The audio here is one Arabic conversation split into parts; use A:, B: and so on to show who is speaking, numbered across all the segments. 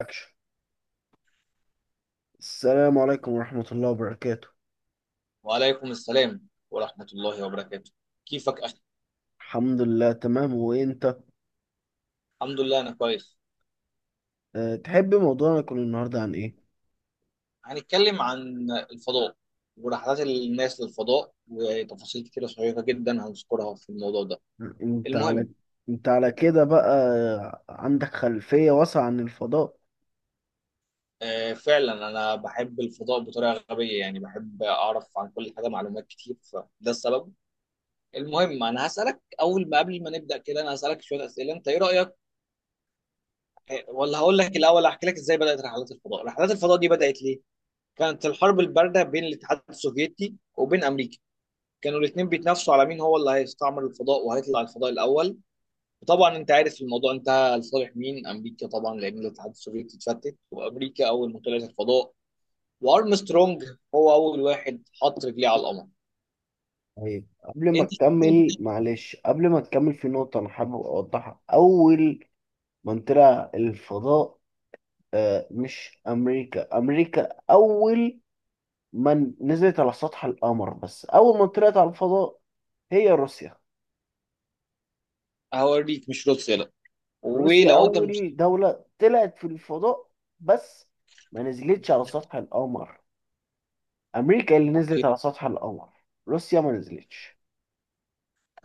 A: أكشن. السلام عليكم ورحمة الله وبركاته.
B: وعليكم السلام ورحمة الله وبركاته، كيفك أخي؟
A: الحمد لله تمام، وانت؟
B: الحمد لله أنا كويس.
A: تحب موضوعنا يكون النهاردة عن ايه؟
B: هنتكلم عن الفضاء ورحلات الناس للفضاء وتفاصيل كتيرة شيقة جدا هنذكرها في الموضوع ده.
A: انت على
B: المهم،
A: انت على كده بقى عندك خلفية واسعة عن الفضاء.
B: آه فعلا أنا بحب الفضاء بطريقة غبية، يعني بحب أعرف عن كل حاجة معلومات كتير، فده السبب. المهم، أنا هسألك أول، ما قبل ما نبدأ كده أنا هسألك شوية أسئلة، أنت إيه رأيك؟ ولا هقول لك الأول أحكي لك إزاي بدأت رحلات الفضاء. رحلات الفضاء دي بدأت ليه؟ كانت الحرب البارده بين الاتحاد السوفيتي وبين امريكا، كانوا الاثنين بيتنافسوا على مين هو اللي هيستعمر الفضاء وهيطلع الفضاء الاول. وطبعا انت عارف الموضوع انتهى لصالح مين، امريكا طبعا، لان الاتحاد السوفيتي اتفتت، وامريكا اول ما طلعت الفضاء وارمسترونج هو اول واحد حط رجليه على القمر.
A: طيب قبل ما
B: انت
A: تكمل، في نقطة أنا حابب أوضحها. أول من طلع الفضاء، آه، مش أمريكا. أمريكا أول من نزلت على سطح القمر، بس أول من طلعت على الفضاء هي روسيا.
B: هوريك مش روسيا لا،
A: روسيا
B: ولو انت مش.
A: أول دولة طلعت في الفضاء، بس ما نزلتش على سطح القمر. أمريكا اللي نزلت
B: اوكي،
A: على سطح القمر، روسيا ما نزلتش.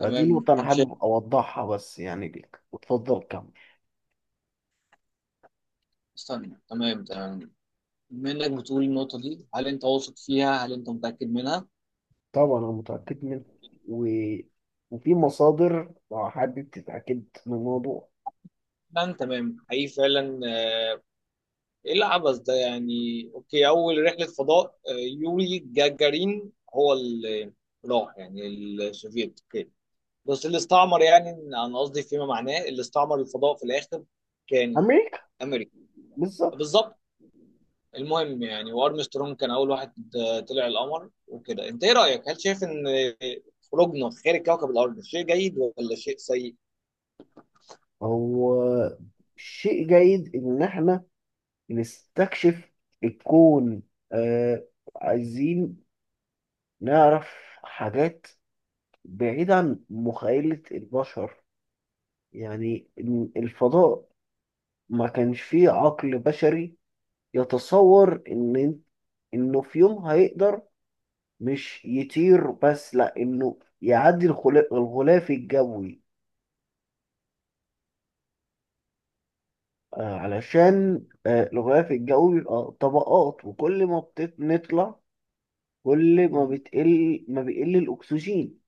A: فدي نقطة أنا
B: انت شايف،
A: حابب أوضحها بس، يعني ليك، وتفضل كمل.
B: استنى، تمام تمام، بما انك بتقول النقطه دي هل انت واثق فيها؟ هل انت متاكد منها؟
A: طبعا أنا متأكد منها، و... وفي مصادر لو حابب تتأكد من الموضوع.
B: تمام تمام، حقيقي فعلا. ايه العبث ده يعني؟ اوكي، اول رحله فضاء يوري جاجارين هو اللي راح، يعني السوفيت. اوكي، بس اللي استعمر، يعني انا قصدي فيما معناه اللي استعمر الفضاء في الاخر كان
A: أمريكا.
B: امريكا.
A: بالظبط.
B: بالظبط. المهم يعني وارمسترونج كان اول واحد طلع القمر وكده. انت ايه رايك، هل شايف ان خروجنا خارج كوكب الارض شيء جيد ولا شيء سيء؟
A: هو شيء جيد إن إحنا نستكشف الكون. آه عايزين نعرف حاجات بعيد عن مخيلة البشر. يعني إن الفضاء ما كانش فيه عقل بشري يتصور إنه في يوم هيقدر مش يطير بس، لأ، إنه يعدي الغلاف الجوي، علشان الغلاف الجوي بيبقى طبقات، وكل ما بنطلع كل ما
B: مم.
A: بتقل ما بيقل الأكسجين.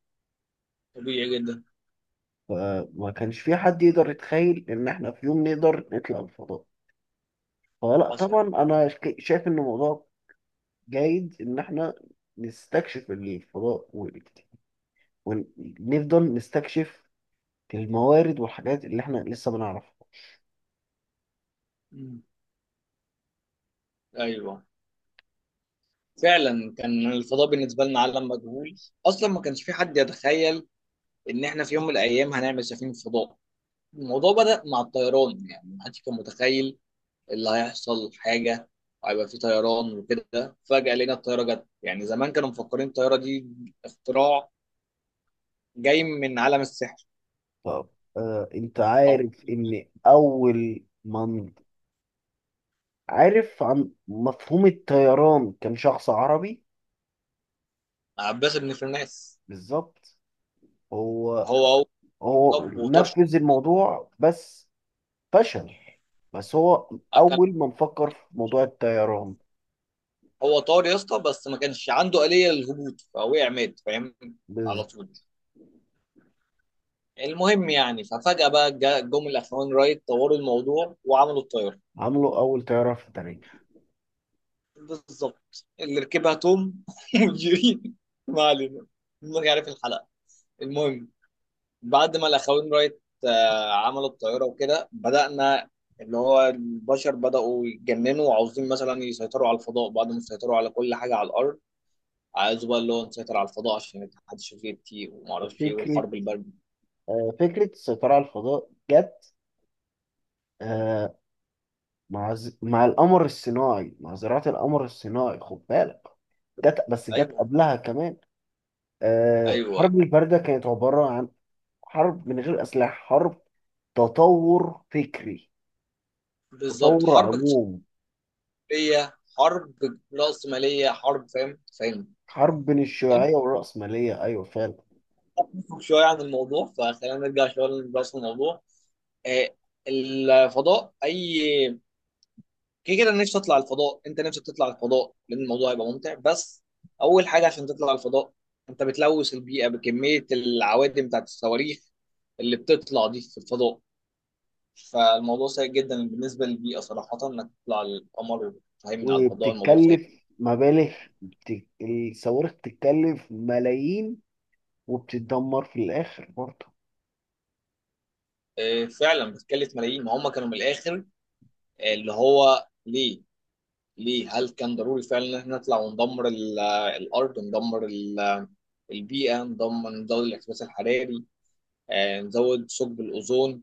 B: طبيعي جدا.
A: فما كانش في حد يقدر يتخيل إن إحنا في يوم نقدر نطلع الفضاء. هو لا
B: حصل.
A: طبعا انا شايف ان الموضوع جيد ان احنا نستكشف الفضاء ونفضل نستكشف الموارد والحاجات اللي احنا لسه بنعرفها.
B: مم. ايوه، فعلا كان الفضاء بالنسبة لنا عالم مجهول. أصلا ما كانش في حد يتخيل إن إحنا في يوم من الأيام هنعمل سفينة فضاء. الموضوع بدأ مع الطيران، يعني ما حدش كان متخيل اللي هيحصل، حاجة هيبقى في طيران وكده. فجأة لقينا الطيارة جت، يعني زمان كانوا مفكرين الطيارة دي اختراع جاي من عالم السحر.
A: طب، انت
B: أو
A: عارف ان اول من عارف عن مفهوم الطيران كان شخص عربي؟
B: عباس بن فرناس.
A: بالظبط. هو
B: هو، طب
A: هو
B: وطرش،
A: نفذ الموضوع، بس فشل. بس هو
B: كان
A: اول من فكر في موضوع الطيران.
B: هو طار يا اسطى بس ما كانش عنده آلية للهبوط فوقع مات، فاهم، على
A: بالظبط،
B: طول. المهم يعني ففجأة بقى جم الأخوان رايت طوروا الموضوع وعملوا الطيارة.
A: عملوا اول طياره في التاريخ.
B: بالظبط، اللي ركبها توم وجيري. ما علينا، ما يعرف الحلقة. المهم، بعد ما الأخوان رايت عملوا الطيارة وكده بدأنا، اللي هو البشر بدأوا يتجننوا وعاوزين مثلا يسيطروا على الفضاء بعد ما سيطروا على كل حاجة على الأرض. عايزوا بقى اللي هو نسيطر على الفضاء عشان الاتحاد السوفيتي وما اعرفش ايه
A: فكرة
B: والحرب الباردة.
A: فكرة السيطرة على الفضاء جت، آه، مع القمر الصناعي، مع زراعة القمر الصناعي، خد بالك. جت، بس جت
B: ايوه،
A: قبلها كمان.
B: ايوه،
A: حرب الباردة كانت عبارة عن حرب من غير أسلحة، حرب تطور فكري،
B: بالظبط.
A: تطور
B: حرب
A: عموم.
B: ليا، حرب رأسمالية، حرب، فاهم فاهم.
A: حرب بين
B: انت
A: الشيوعية والرأسمالية، أيوة فعلا.
B: تفهم شوية عن الموضوع، فخلينا نرجع شوية لرأس الموضوع. آه، الفضاء أي كده كده. أنا نفسي أطلع الفضاء، أنت نفسك تطلع الفضاء، لأن الموضوع هيبقى ممتع. بس أول حاجة عشان تطلع الفضاء أنت بتلوث البيئة بكمية العوادم بتاعت الصواريخ اللي بتطلع دي في الفضاء. فالموضوع سيء جدا بالنسبة للبيئة صراحة، إنك تطلع القمر وتهيمن على الفضاء، الموضوع سيء.
A: وبتتكلف مبالغ، الصواريخ بتتكلف ملايين، وبتتدمر في الآخر برضه.
B: فعلا بتكلف ملايين. ما هم كانوا من الآخر اللي هو ليه؟ ليه، هل كان ضروري فعلا ان احنا نطلع وندمر الارض، وندمر البيئه، ندمر، نزود الاحتباس الحراري، نزود ثقب الاوزون؟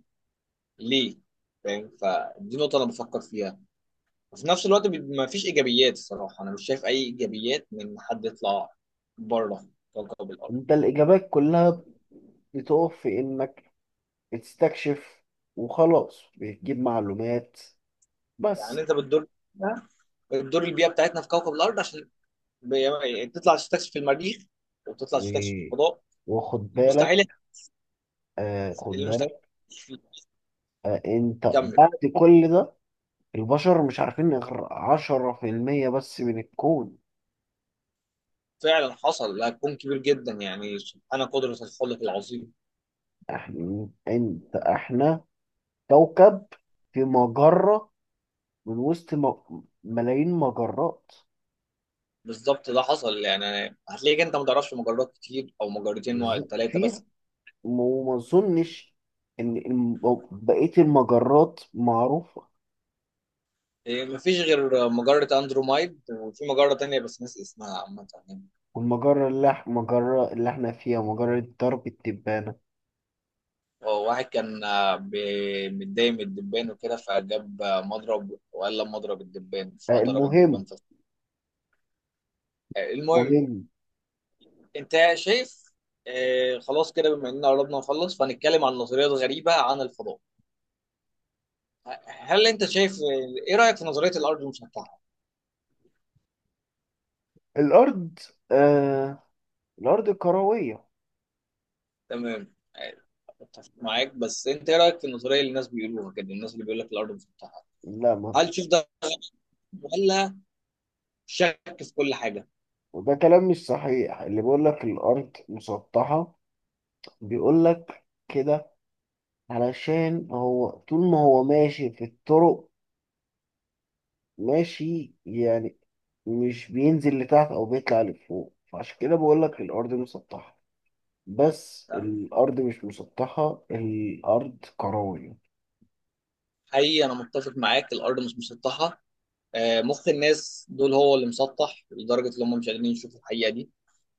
B: ليه؟ فاهم، فدي نقطه انا بفكر فيها. وفي نفس الوقت ما فيش ايجابيات الصراحه، انا مش شايف اي ايجابيات من حد يطلع بره كوكب الارض.
A: انت الإجابات كلها بتقف في إنك بتستكشف وخلاص، بتجيب معلومات
B: يعني
A: بس.
B: انت بتدور البيئه بتاعتنا في كوكب الارض عشان يعني تطلع تستكشف المريخ وتطلع
A: و...
B: تستكشف الفضاء.
A: وخد بالك،
B: المستحيل،
A: آه خد بالك
B: المستحيل.
A: أنت
B: كمل.
A: بعد كل ده البشر مش عارفين غير 10% بس من الكون.
B: فعلا حصل ده، هتكون كبير جدا، يعني سبحان قدرة الخلق العظيم.
A: احنا كوكب في مجرة، من وسط ملايين مجرات.
B: بالظبط، ده حصل، يعني هتلاقيك انت ما تعرفش مجرات كتير، او مجرتين، واحد،
A: بالظبط
B: ثلاثة
A: فيها.
B: بس.
A: وما أظنش إن بقية المجرات معروفة.
B: إيه، مفيش غير مجرة اندرومايد وفي مجرة تانية بس ناس اسمها عامة يعني.
A: والمجرة اللي إح- المجرة اللي احنا فيها مجرة درب التبانة.
B: هو واحد كان متضايق من الدبان وكده، فجاب مضرب وقال لما اضرب الدبان، فضرب الدبان
A: المهم
B: في. المهم.
A: مهم
B: انت شايف، خلاص كده، بما اننا قربنا نخلص فهنتكلم عن نظريات غريبة عن الفضاء. هل انت شايف، ايه رايك في نظريه الارض المسطحه؟
A: الأرض، آه الأرض كروية.
B: تمام، اتفق معاك، بس انت ايه رايك في النظريه اللي الناس بيقولوها كده، الناس اللي بيقول لك الارض مسطحه؟
A: لا، ما.
B: هل تشوف ده، ولا شك في كل حاجه؟
A: وده كلام مش صحيح، اللي بيقول لك الأرض مسطحة بيقول لك كده علشان هو طول ما هو ماشي في الطرق، ماشي يعني، مش بينزل لتحت أو بيطلع لفوق، فعشان كده بقول لك الأرض مسطحة. بس
B: تمام،
A: الأرض مش مسطحة، الأرض كروية.
B: حقيقي انا متفق معاك الارض مش مسطحه. مخ الناس دول هو اللي مسطح لدرجه ان هم مش قادرين يشوفوا الحقيقه دي،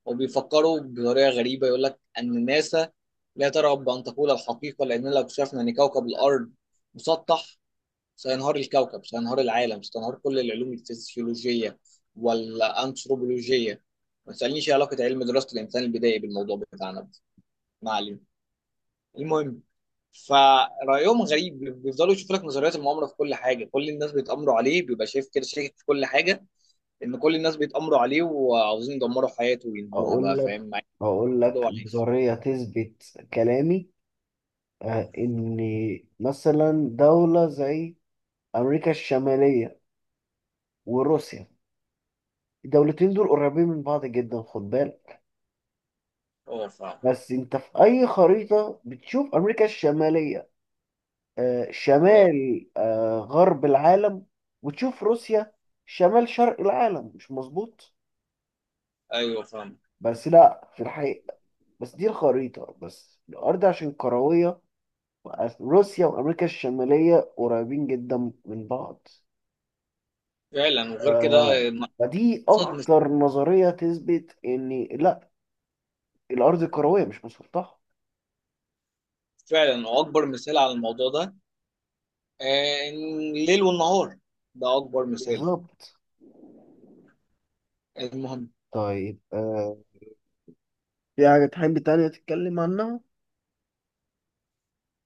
B: وبيفكروا بطريقه غريبه. يقول لك ان ناسا لا ترغب بان تقول الحقيقه لان لو اكتشفنا ان كوكب الارض مسطح سينهار الكوكب، سينهار العالم، سينهار كل العلوم الفسيولوجية والأنثروبولوجية. ما تسألنيش إيه علاقة علم دراسة الإنسان البدائي بالموضوع بتاعنا ده، ما علينا. المهم، فرأيهم غريب، بيفضلوا يشوفوا لك نظريات المؤامرة في كل حاجة، كل الناس بيتآمروا عليه، بيبقى شايف كده شاكك في كل حاجة، إن كل الناس بيتآمروا عليه وعاوزين يدمروا حياته وينهوها بقى،
A: أقول
B: فاهم، مع
A: هقول
B: إنه
A: لك
B: عليه.
A: نظرية تثبت كلامي. إن مثلا دولة زي أمريكا الشمالية وروسيا، الدولتين دول قريبين من بعض جدا، خد بالك.
B: أه فاهم.
A: بس أنت في أي خريطة بتشوف أمريكا الشمالية
B: أه.
A: شمال غرب العالم، وتشوف روسيا شمال شرق العالم، مش مظبوط؟
B: أيوه فاهم.
A: بس لا، في الحقيقة، بس دي الخريطة بس، الأرض عشان كروية، روسيا وأمريكا الشمالية قريبين جدا من بعض.
B: فعلا، وغير كده
A: آه، فدي
B: أبسط مثال.
A: أكتر نظرية تثبت إن، لأ، الأرض كروية مش مسطحة.
B: فعلا، وأكبر مثال على الموضوع ده الليل والنهار، ده أكبر مثال.
A: بالظبط.
B: المهم،
A: طيب، في حاجة تحب تانية تتكلم عنها؟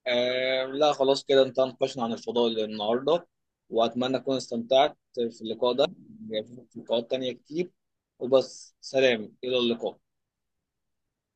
B: لا خلاص كده، انت ناقشنا عن الفضاء النهاردة، وأتمنى أكون استمتعت في اللقاء ده. يعني في لقاءات تانية كتير، وبس سلام، إلى اللقاء.